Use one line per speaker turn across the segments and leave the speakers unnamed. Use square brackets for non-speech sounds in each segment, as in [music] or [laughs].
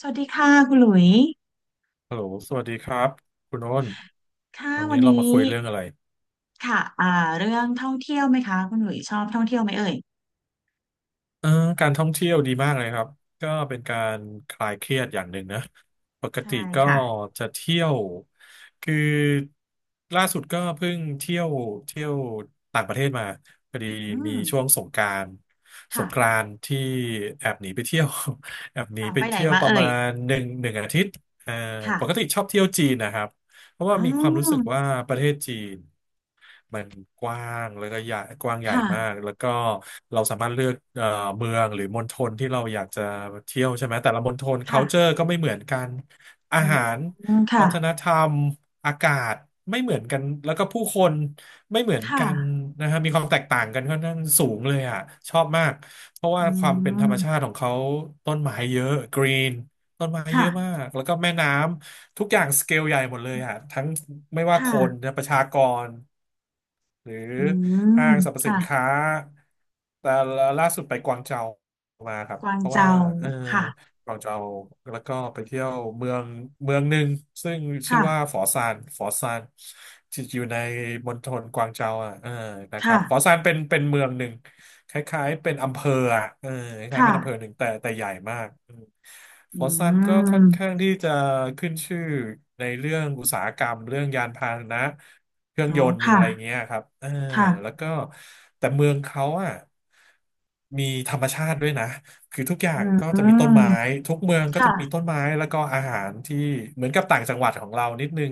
สวัสดีค่ะคุณหลุย
ฮัลโหลสวัสดีครับคุณโอ้น
ค่ะ
วัน
วั
นี้
นนี
เรามา
้
คุยเรื่องอะไร
ค่ะเรื่องท่องเที่ยวไหมคะคุณหลุยชอบท่องเที่ยวไหมเอ่ย
เออการท่องเที่ยวดีมากเลยครับก็เป็นการคลายเครียดอย่างหนึ่งนะปกติ
ใช่
ก็
ค่ะ
จะเที่ยวคือล่าสุดก็เพิ่งเที่ยวเที่ยวต่างประเทศมาพอดี
อื
มี
ม
ช่วงสงกรานต์สงกรา
ค่ะ
นต์ที่แอบหนีไปเที่ยว [laughs] แอบหนี
อ่า
ไป
ไปไหน
เที่ยว
มา
ประ
เอ่
มา
ย
ณหนึ่งอาทิตย์เอ่อ
ค่ะ
ปกติชอบเที่ยวจีนนะครับ เพราะ
อ๋
ว่า
อ
มีความรู้สึกว่าประเทศจีนมันกว้างแล้วก็ใหญ่กว้างใหญ่มาก
ค่ะ
แล้วก็เราสามารถเลือกเมืองหรือมณฑลที่เราอยากจะเที่ยวใช่ไหมแต่ละมณฑล
ค่ะ
culture ก็ไม่เหมือนกันอา
อื
หาร
ม
วั
ค่ะ
ฒนธรรมอากาศไม่เหมือนกันแล้วก็ผู้คนไม่เหมือน
ค่ะ
กันนะฮะมีความแตกต่างกันค่อนข้างสูงเลยอ่ะชอบมากเพราะ
อื
ว่าความเป็นธรรมชา
ม
ติของเขาต้นไม้เยอะกรีนต้นไม้เย
ค่ะ
อะมากแล้วก็แม่น้ำ ทุกอย่างสเกลใหญ่หมดเลยอะทั้งไม่
ค
ว่าคน
่ะ
นะประชากรหรือ
อื
ห้า
ม
งสรรพสิ
ค่ะ
นค้าแต่ล่าสุดไปกวางเจามาครับ
กวาง
เพราะว่า
เจา
เออ
ค่ะ
กวางเจาแล้วก็ไปเที่ยวเมืองเมืองหนึ่งซึ่งชื่อว่า
ค่ะ
ฝอซานฝอซานที่อยู่ในมณฑลกวางเจาอ่ะนะครั
ค่ะ
บฝอซานเป็นเมืองหนึ่ง คล้ายๆเป็นอำเภออะคล้ายๆ
ค่ะ
เป็นอำเภอหนึ่งแต่ใหญ่มากอืม
อื
ฟอสซันก็ค่อ
ม
นข้างที่จะขึ้นชื่อในเรื่องอุตสาหกรรมเรื่องยานพาหนะเครื่อง
อ๋อ
ยนต์
ค่ะ
อะไรเงี้ยครับเออแล้ว
ค่ะ
ก็แต่เมืองเขาอ่ะมีธรรมชาติด้วยนะคือทุกอย่า
อื
งก็จะมีต้น
ม
ไม้ทุกเมืองก็
ค่ะ
จะมีต้นไม้แล้วก็อาหารที่เหมือนกับต่างจังหวัดของเรานิดนึง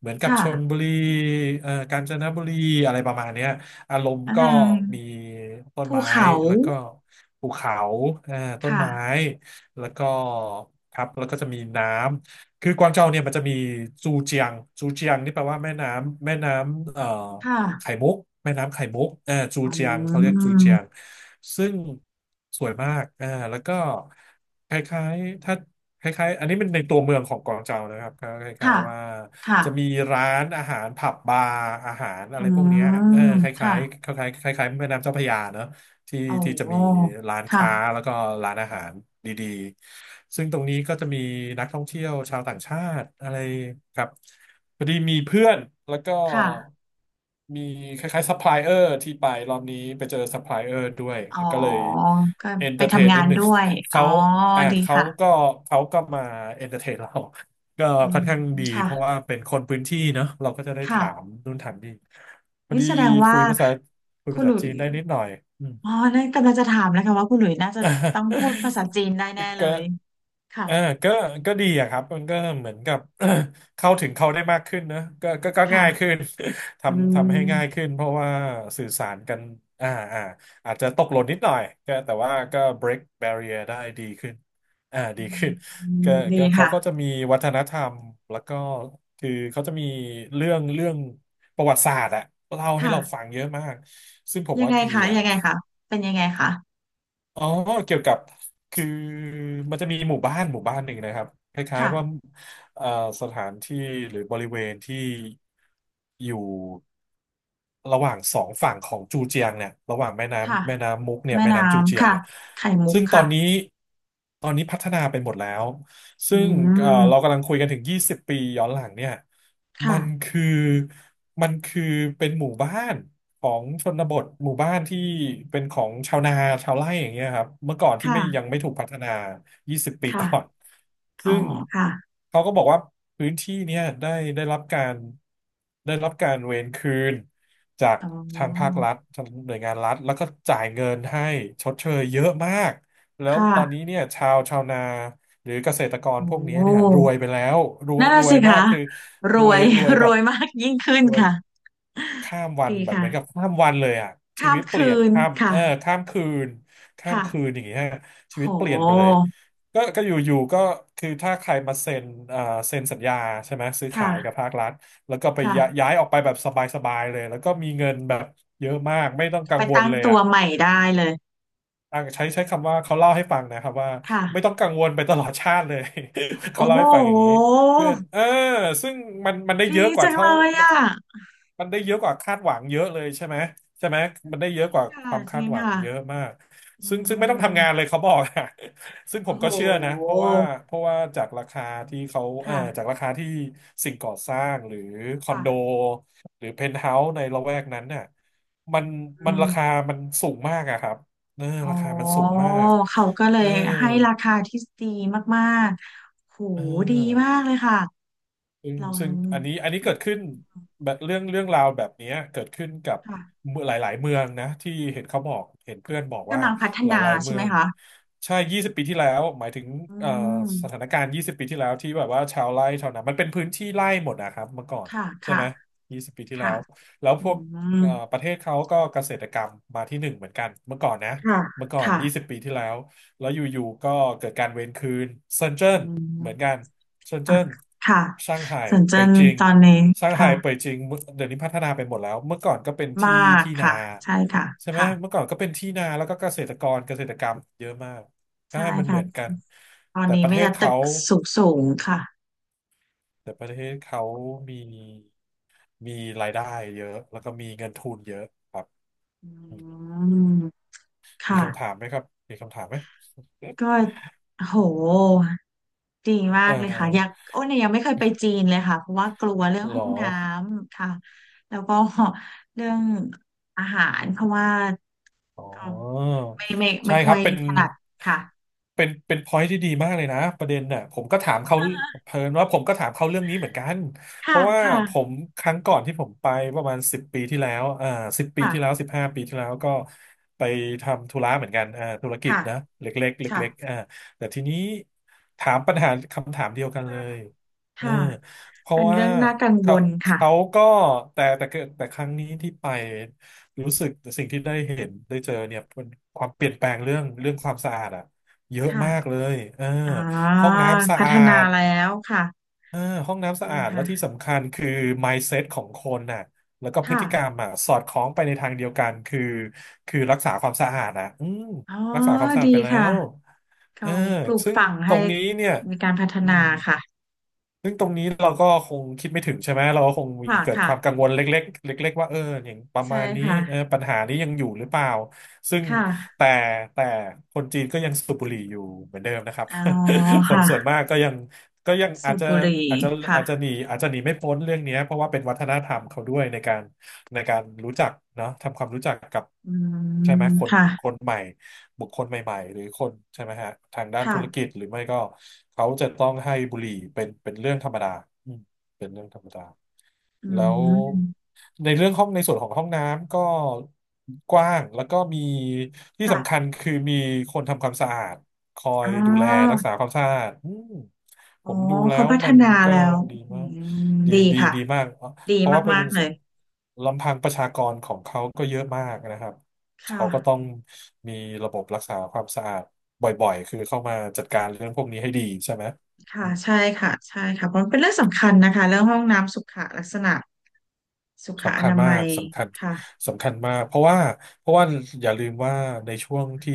เหมือน
ค
กับชลบุ
่ะ
รีกาญจนบุรีอะไรประมาณเนี้ย อารมณ์
อา
ก็
จารย์
มีต้น
ภู
ไม้
เขา
แล้วก็ภูเขาอ่าต้น
ค่ะ
ไม้แล้วก็ครับแล้วก็จะมีน้ำ คือกวางโจวเนี่ยมันจะมีจูเจียงจูเจียงนี่แปลว่าแม่น้ำ
ค่ะ
ไข่มุกแม่น้ำไข่มุกเออจู
อื
เจียงเขาเรียกจูเจียง
ม
ซึ่งสวยมากอ่าแล้วก็คล้ายๆถ้า คล้ายๆอันนี้เป็นในตัวเมืองของกวางเจานะครับก็คล้าย
ค่ะ
ๆว่า
ค่ะ
จะมีร้านอาหารผับบาร์อาหารอะ
อื
ไรพวกเนี้ยเออ
ม
คล้า
ค่ะ
ยๆคล้ายๆคล้ายๆแม่น้ำเจ้าพระยาเนอะ ที่ที่จะ
โอ้
มีร้าน
ค่ะ
ค้าแล้วก็ร้านอาหารดีๆซึ่งตรงนี้ก็จะมีนักท่องเที่ยวชาวต่างชาติอะไรครับพอดีมีเพื่อนแล้วก็
ค่ะ
มีคล้ายๆซัพพลายเออร์ที่ไปรอบนี้ไปเจอซัพพลายเออร์ด้วย
อ๋อ
ก็เลย
ก็
เอน
ไป
เตอร์เทน
ทำงา
นิด
น
หนึ่ง
ด้วย
[laughs]
อ๋อ
เขาอ่า
ดีค่ะ
เขาก็มาเอนเตอร์เทนเรา [laughs] ก็
อื
ค่อ
ม
นข้างดี
ค่ะ
เพราะว่าเป็นคนพื้นที่เนอะเราก็จะได้
ค่ะ
ถามนู่นถามนี่พอ
นี่
ดี
แสดงว่า
คุยภาษาคุย
คุ
ภา
ณห
ษา
ลุ
จี
ย
นได้นิดหน่อย
อ๋อนั่นกำลังจะถามแล้วค่ะว่าคุณหลุยน่าจะต้องพูดภาษาจีนได้แน่
[laughs]
เล
ก็
ยค่ะ
เออก็ก็ดีอะครับมันก็เหมือนกับ [coughs] [clears throat] เข้าถึงเขาได้มากขึ้นเนอะก็ก็ง่ายขึ้
ค่ะ
น [laughs]
อื
ทำให้ง่าย
ม
ขึ้นเพราะว่าสื่อสารกันอ่าอ่าอาจจะตกหล่นนิดหน่อยก็แต่ว่าก็ break barrier ได้ดีขึ้นอ่า
อื
ดี
ม
ขึ้นก็
ดี
เขา
ค่ะ
ก็จะมีวัฒนธรรมแล้วก็คือเขาจะมีเรื่องประวัติศาสตร์อะเล่าให้
ค่ะ
เราฟังเยอะมากซึ่งผม
ยัง
ว่า
ไง
ดี
คะ
อ่ะ
ยังไงคะเป็นยังไงคะ
อ๋อ เกี่ยวกับ คือ มันจะมีหมู่บ้าน หมู่บ้านหนึ่งนะครับ คล้ายๆว่า
ค่ะ
เอ่อสถานที่หรือบริเวณที่อยู่ระหว่างสองฝั่งของจูเจียงเนี่ยระหว่างแม่
ค่ะ
น้ำแม่น้ำมุกเนี่ย
แม่
แม่
น้
น้ำจูเจี
ำ
ยง
ค่ะ
เนี่ย
ไข่มุก
ซึ่ง
ค่ะ
ตอนนี้พัฒนาไปหมดแล้ว
อื
ซึ่งเรา
ม
กำลังคุยกันถึงยี่สิบปีย้อนหลังเนี่ยมัน
ค่ะ
คือมันคือเป็นหมู่บ้านของชนบทหมู่บ้านที่เป็นของชาวนาชาวไร่อย่างเงี้ยครับเมื่อก่อนที่ไม่ยัง
ค่ะ
ไม่ถูกพัฒนา20ปีก่อน
ค่ะอ๋อ
ซึ่ง
ค่ะ
เขาก็บอกว่าพื้นที่เนี่ยได้รับการเวรคืนจาก
อ๋อ
ทางภาครัฐทางหน่วยงานรัฐแล้วก็จ่ายเงินให้ชดเชยเยอะมากแล้
ค
วตอนนี้
่ะ
เนี่ยชาวนาหรือเกษตรกรพวกนี้เนี่ย
โอ้
รวยไปแล้ว
นั่น
ร
น่ะ
ว
สิ
ยมา
คะ
กคือ
รวย
รวย
[laughs] ร
แบบ
วยมากยิ่งขึ้น
รวย
ค่ะ
ข้ามวัน
ดี
แบบเห
ค่ะ
มือนกับข้ามวันเลยอ่ะชี
ข้า
วิ
ม
ตเปลี่
คื
ยน
น
ข้ามเอ
ค่ะ
อข้ามคืน
ค่ะ
อย่างเงี้ยชี
โ
วิตเปลี่ยนไปเลย
ห
ก็อยู่ๆก็คือถ้าใครมาเซ็นอ่าเซ็นสัญญาใช่ไหมซื้อขา
ค่ะ
ยกับภาครัฐแล้วก็ไปย้าย
ค่ะ
ย้ายออกไปแบบสบายๆเลยแล้วก็มีเงินแบบเยอะมากไม่ต้องกั
ไป
งวล
ตั้ง
เลย
ตัว
อ่ะ
ใหม่ได้เลย
อ่ะใช้คำว่าเขาเล่าให้ฟังนะครับว่า
ค่ะ
ไม่ต้องกังวลไปตลอดชาติเลย [laughs]
โอ้
เขาเล่า
โห
ให้ฟังอย่างนี้เพื่อนซึ่งมันได้
ดี
เยอะกว่า
จัง
เท่า
เลย
มัน
อ่ะ
มันได้เยอะกว่าคาดหวังเยอะเลยใช่ไหมมันได้เย
จ
อะ
ริ
ก
ง
ว่าค
ค่ะ
วาม
จ
คา
ริ
ด
ง
หวัง
ค่ะ
เยอะมาก
อื
ซึ่งไม่ต้องทำงานเลย
ม
เขาบอกอะ [laughs] ซึ่งผ
โอ้
ม
โห
ก็เชื่อนะเพราะว่าจากราคาที่เขา
ค่ะ
จากราคาที่สิ่งก่อสร้างหรือคอน
ค่ะ
โดหรือเพนท์เฮาส์ในละแวกนั้นเนี่ยมันมั
อื
น
ม
ราคามันสูงมากอะครับ
อ๋อ
ราคามันสูงมาก
เขาก็เล
เออ
ยให้ราคาที่ดีมากๆโห
เอ
ดีมาก
อ
เลยค่ะ
ซึ่ง
เรา
ซึ่งอันนี้เกิดขึ้นแบบเรื่องราวแบบเนี้ยเกิดขึ้นกับ
ค่ะ
เมือหลายๆเมืองนะที่เห็นเขาบอกเห็นเพื่อนบอกว่า
กำลังพัฒ
ห
นา
ลายๆ
ใช่
เมื
ไห
อ
ม
ง
คะ
ใช่ยี่สิบปีที่แล้วหมายถึง
อื
เอ่อสถาน
ม
การณ์ยี่สิบปีที่แล้วที่แบบว่าชาวไร่ชาวนามันเป็นพื้นที่ไร่หมดนะครับเมื่อก่อน
ค่ะ
ใช่
ค่ะ
ไหมยี่สิบปีที่แล้
ค่ะ
วแล้ว
อื
พวก
ม
ประเทศเขาก็เกษตรกรรมมาที่หนึ่งเหมือนกันเมื่อก่อนนะ
ค่ะ
เมื่อก่อน
ค่ะ
ยี่สิบปีที่แล้วแล้วอยู่ๆก็เกิดการเวรคืนเซินเจิ้
อื
นเหมือนกั
ม
น เซิน
อ่ะ
เจิ้น
ค่ะ
ช่างไห่
สวนเจ
เป่ย
น
จิง
ตอนนี้
ช่างไห่เป่ย
ค่ะ
จิง เดี๋ยวนี้พัฒนาไปหมดแล้วเมื่อก่อนก็เป็น
ม
ที่
าก
ที่นา
ค่ะ ใช่ค่ะ
ใช่ไหม
ค่ะ
เมื่อก่อนก็เป็นที่นาแล้วก็เกษตรกรรมเยอะมากใช่
ใช่
มันเห
ค่ะ
มือนกัน
ตอน
แต่
นี้
ประ
ไม
เทศ
แต่ได้ตึ
เขา
กสูงสูงค่ะ
แต่ประเทศเขามีมีรายได้เยอะแล้วก็มีเงินทุนเยอะครับ
อื
อืม
ม ค
มีคำถาม
่ะ
ไหมครับมีคำถามไหม
ก็โหดีมา
เอ
กเลยค่ะอยาก
อ
โอ้เนี่ยยังไม่เคยไปจีนเลยค่ะเพราะว่ากลัวเรื่อง
เหร
ห้อ
อ
งน้ำค่ะแล้วก็เรื่องอาหารเพราะว่า
อ๋อ
ก็ไม่
ใช่ค
ค่อ
รับ
ย
เป็น
ถนัดค่ะ
เป็นเป็นพอยที่ดีมากเลยนะประเด็นน่ะผมก็ถามเขาเพิ่นว่าผมก็ถามเขาเรื่องนี้เหมือนกันเพ
ค่ะ
ราะว่า
ค่ะ
ผมครั้งก่อนที่ผมไปประมาณสิบปีที่แล้วสิบปีที่แล้ว
ค่ะ
15 ปีที่แล้วก็ไปทำธุระเหมือนกันธุรกิจ
ค่ะ
นะเล็กๆ
ค่ะ
เล็กๆแต่ทีนี้ถามปัญหาคำถามเดียวกันเลยเออ
ค่ะ
เพราะ
เป็น
ว่า
เรื่องน่ากังว
เขา
ลค่ะ
เขาก็แต่แต่แต่ครั้งนี้ที่ไป รู้สึกสิ่งที่ได้เห็นได้เจอเนี่ยเป็นความเปลี่ยนแปลงเรื่องความสะอาดอะเยอะ
ค่ะ
มากเลย
อ่า
ห้องน้ำสะ
พัฒ
อา
นา
ด
แล้วค่ะ
เออห้องน้ำสะ
ดี
อาดและที่
ค่ะ
สำคัญคือ mindset ของคนน่ะแล้วก็พฤ
ค่ะ
ติกรรมอ่ะสอดคล้องไปในทางเดียวกันคือรักษาความสะอาดอ่ะอืม
อ๋อ
รักษาความสะอา
ดี
ดไปแล้
ค่ะ
วเอ
เขา
อ
ปลูก
ซึ่ง
ฝัง
ต
ให้
รงนี้เนี่ย
มีการพัฒ
อื
นา
ม
ค่ะ
ซึ่งตรงนี้เราก็คงคิดไม่ถึงใช่ไหม เราก็คงมี
ค่ะ
เกิด
ค่ะ
ความกังวลเล็กๆเล็กๆว่าอย่างประ
ใช่
มาณนี้
ค่ะ
ปัญหานี้ยังอยู่หรือเปล่า ซึ่ง
ค่ะ
แต่แต่คนจีนก็ยังสูบบุหรี่อยู่เหมือนเดิมนะครับ
อ๋อ
[laughs] คนส่วน
ค่ะ
มากก็ยัง
สูบบุหรี่
อาจจะ
ค่ะ
อาจจะหนีไม่พ้นเรื่องเนี้ยเพราะว่าเป็นวัฒนธรรมเขาด้วยในการรู้จักเนาะทำความรู้จักกับ
อื
ใช่ไห
ม
มคน
ค่ะ
คนใหม่ บุคคลใหม่ๆหรือคนใช่ไหมฮะทางด้านธุรกิ
ค่ะ
จหรือไม่ก็เขาจะต้องให้บุหรี่เป็นเรื่องธรรมดาอืมเป็นเรื่องธรรมดา
อื
แล้ว
ม
ในเรื่องห้องในส่วนของห้องน้ำก็กว้างแล้วก็มีที่สำคัญ
ค่ะ
คือมีคนทำความสะอาดคอ
อ๋
ย
อ
ดูแลรักษาความสะอาดอืม
อ๋
ผ
อ
มดูแล้
เขา
ว
พัฒ
มัน
นา
ก็
แล้ว
ดี
อื
มาก
ม
ดี
ดี
ดี
ค่ะ
ดีมากเ
ดี
พราะว่า
มากๆเลย
ลำพังประชากรของเขาก็เยอะมากนะครับ
ค่ะ
เขาก็ต้องมีระบบรักษาความสะอาดบ่อยๆ คือเข้ามาจัดการเรื่องพวกนี้ให้ดีใช่ไหม
ค่ะใช่ค่ะใช่ค่ะเพราะมันเป็นเรื่องสำคัญนะคะ เรื่องห้องน้ำสุขลักษณะสุขอ
สำคัญ
นา
มา
มั
ก
ย
สำคัญ
ค่ะ
สำคัญมากเพราะว่าอย่าลืมว่าในช่วงที่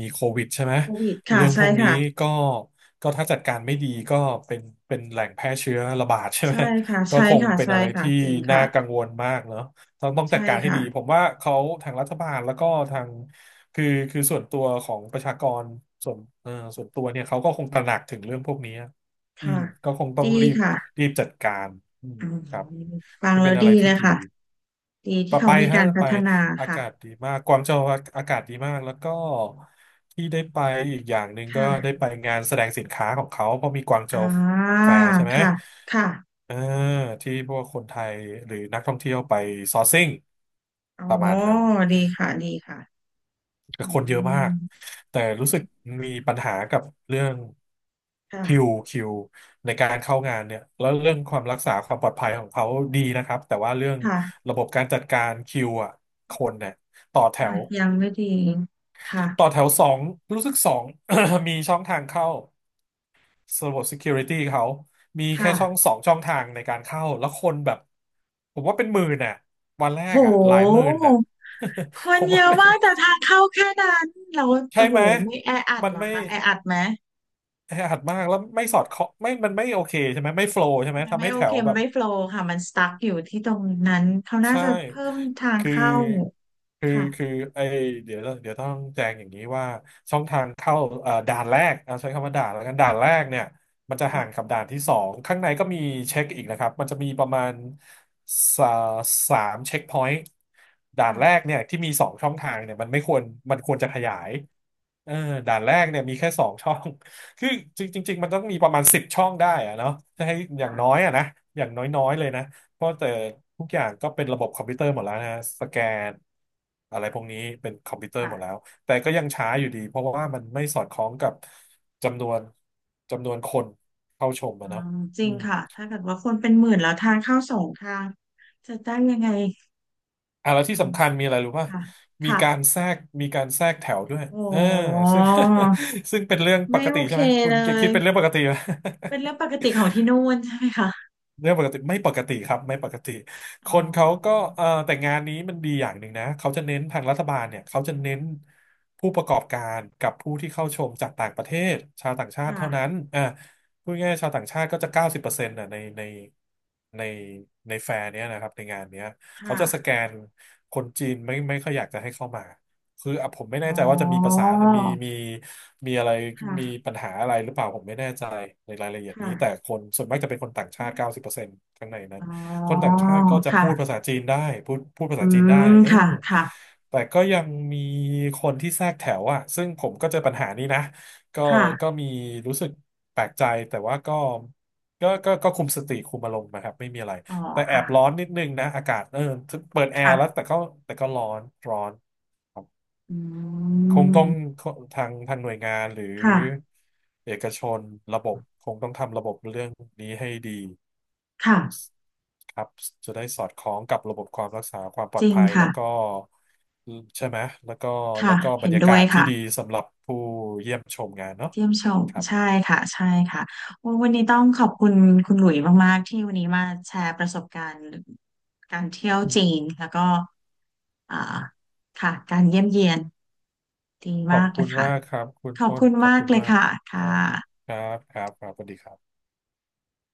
มีโควิดใช่ไหม
โควิดค่ะ
เรื่องพ
ใช่
วกนี้
ค่ะ
ก็ก็ถ้าจัดการไม่ดีก็เป็นเป็นแหล่งแพร่เชื้อระบาดใช่ไหม
ใช่ค่ะ
[laughs] ก็
ใช่
คง
ค่ะ
เป็น
ใช่
อะไร
ค่ะ
ที่
จริง
น่า
ค่ะ
กังวลมากเนาะต้องจั
ใช่
ดการให้
ค่ะ
ดีผมว่าเขาทางรัฐบาลแล้วก็ทางคือคือส่วนตัวของประชากรส่วนส่วนตัวเนี่ยเขาก็คงตระหนักถึงเรื่องพวกนี้ อื
ค่ะ
มก็คงต้อ
ดี
งรีบ
ค่ะ
รีบจัดการอืม
อืม
ครับ
ฟัง
ก็
แล้
เป็
ว
นอะ
ดี
ไร
เล
ที่
ย
ดี
ค่ะดี
ไป
ที่เขา
ไป
มี
ฮะ
การพั
ไป
ฒนา
อา
ค่ะ
กาศดีมากกวางโจวอากาศดีมากแล้วก็ที่ได้ไปอีกอย่างหนึ่งก็ได้
ค่ะ
ไปงานแสดงสินค้าของเขาเพราะมีกวางโจ
อ่
ว
า
แฟร์ใช่ไหม
ค่ะค่ะ
เออที่พวกคนไทยหรือนักท่องเที่ยวไปซอร์ซิ่ง
อ๋อ
ประมาณนั้น
ดีค่ะดีค่ะอื
คนเยอะมาก
ม
แต่รู้สึกมีปัญหากับเรื่องคิว
ค่ะ
คิวในการเข้างานเนี่ยแล้วเรื่องความรักษาความปลอดภัยของเขาดีนะครับแต่ว่าเรื่อง
ค่ะ
ระบบการจัดการคิวอ่ะคนเนี่ยต่อแถ
ค่ะ
ว
ยังไม่ดี
ต่อ
ค่ะ
แถวสอง [coughs] มีช่องทางเข้าระบบ security เขามีแค่ช่อง
ค่ะ
สองช่องทางในการเข้าแล้วคนแบบผมว่าเป็นหมื่นน่ะวันแร
โ
กอ่ะหลายหมื่
ห
นน่ะ
ค
[laughs] ผ
น
ม
เย
ว่า
อะ
เป็น
มากแต่ทางเข้าแค่นั้นเรา
ใช่
โห
ไหม
ไม่แออัด
มัน
เหรอ
ไม่
คะแออัดไหม
แออัดมากแล้วไม่สอดเคาะไม่มันไม่โอเคใช่ไหมไม่โฟล์ใช่ไหม
มัน
ทำ
ไม่
ให้
โอ
แถ
เค
ว
มั
แบ
น
บ
ไม่โฟลว์ค่ะมันสตั๊กอยู่ที่ตรงนั้นเขาน่า
ใช่
จะเพิ่มทาง
คือ
เข้า
คือ
ค่ะ
คือไอเดี๋ยวต้องแจ้งอย่างนี้ว่าช่องทางเข้าด่านแรกเอาใช้คำว่าด่านแล้วกันด่านแรกเนี่ยมันจะ
ค่ะ
ห่างกับด่านที่สอง ข้างในก็มีเช็คอีกนะครับ มันจะมีประมาณสาสามเช็คพอยต์ด่านแร
ค่ะ
กเนี่ยที่มีสองช่องทางเนี่ยมันไม่ควรมันควรจะขยายเออด่านแรกเนี่ยมีแค่สองช่อง [laughs] คือจริงจริงๆมันต้องมีประมาณ10 ช่องได้อะเนาะจะให้อย่างน้อย
ค่ะ
อะนะอย่างน้อยๆเลยนะ เพราะแต่ทุกอย่างก็เป็นระบบคอมพิวเตอร์หมดแล้วนะฮะสแกนอะไรพวกนี้เป็นคอมพิวเตอร์หมดแล้ว
ค่ะ
แต่ก็ยังช้าอยู่ดีเพราะว่ามันไม่สอดคล้องกับจำนวนจำนวนคนเข้าชม
อื
อะเนาะ
มจริ
อื
ง
ม
ค่ะถ้าเกิดว่าคนเป็นหมื่นแล้วทางเข้าสองทางจะได้ยังไง
อ่ะแล้ว
อื
ที่
ม
สำคัญมีอะไรรู้ป่ะ
ค่ะค่ะ
มีการแทรกแถวด้วย
โอ้
เออซึ่ง [laughs] ซึ่งเป็นเรื่องป
ไม่
ก
โอ
ติ
เค
ใช่ไหมคุ
เล
ณจะ
ย
คิดเป็นเรื่องปกติไหม
เป็นเรื่องปกติของที่นู่นใช่ไหมคะ
เรื่องปกติไม่ปกติครับไม่ปกติค
อ๋อ
นเขาก็แต่งานนี้มันดีอย่างหนึ่งนะเขาจะเน้นทางรัฐบาลเนี่ยเขาจะเน้นผู้ประกอบการกับผู้ที่เข้าชมจากต่างประเทศชาวต่างชาติเท่านั้
ค่ะ
นอ่าพูดง่ายๆชาวต่างชาติก็จะเก้าสิบเปอร์เซ็นต์่ะในในในแฟร์เนี้ยนะครับในงานเนี้ยเขา
ค่ะ
จะสแกนคนจีนไม่ค่อยอยากจะให้เข้ามา คืออ่ะผมไม่แน่
อ๋อ
ใจว่าจะมีภาษามีมีมีอะไร
ค
มี
่ะ
ปัญหาอะไรหรือเปล่าผมไม่แน่ใจในรายละเอียด
ค่ะ
นี้แต่คนส่วนมากจะเป็นคนต่างชาติเก้าสิบเปอร์เซ็นต์ข้างในนั้น
อ๋อ
คนต่างชาติก็จะพูดภา
ค่ะ
ษาจีนได้พูดภา
อื
ษาจีนได้
ม
เออ
ค่ะค่ะ
แต่ก็ยังมีคนที่แทรกแถวอ่ะซึ่งผมก็เจอปัญหานี้นะก็ก็
ค่ะ
มีรู้สึกแปลกใจแต่ว่าก็ก็คุมสติคุมอารมณ์นะครับไม่มีอะไร
อ๋อ
แต่แอ
ค่ะ
บร้อนนิดนึงนะอากาศเออเปิดแอร์แล้ว
ค่ะ
แต่ก็ร้อนร้อน
อื
คงต้อง
ม
ทางหน่วยงานหรือ
ค่ะ
เอกชนระบบคงต้องทำระบบเรื่องนี้ให้ดี
ค่ะ
ครับจะได้สอดคล้องกับระบบความรักษาความปล
จ
อด
ริง
ภัยแล้
ค่ะ
วก็ใช่ไหมแล้วก็แล้
ค่ะ
วก็บร
เห็น
รยา
ด้
กา
วย
ศที่
ค่ะ
ดีสำหรับผู้เยี่ยมชมงานเนาะ
เยี่ยมชม
ครับ
ใช่ค่ะใช่ค่ะโอ้วันนี้ต้องขอบคุณคุณหลุยมาก ๆ ที่วันนี้มาแชร์ประสบการณ์การเที่ยวจีน แล้วก็อ่าค่ะการเยี่ยมเยียน ดี
ข
มา
อบ
กเล
คุ
ย
ณ
ค่ะ
มากครับคุณ
ขอบ
อ้น
คุณ
ขอบ
มาก
คุณ
เลย
มาก
ค่ะ
ค
ค่ะ
รับครับสวัสดีครับ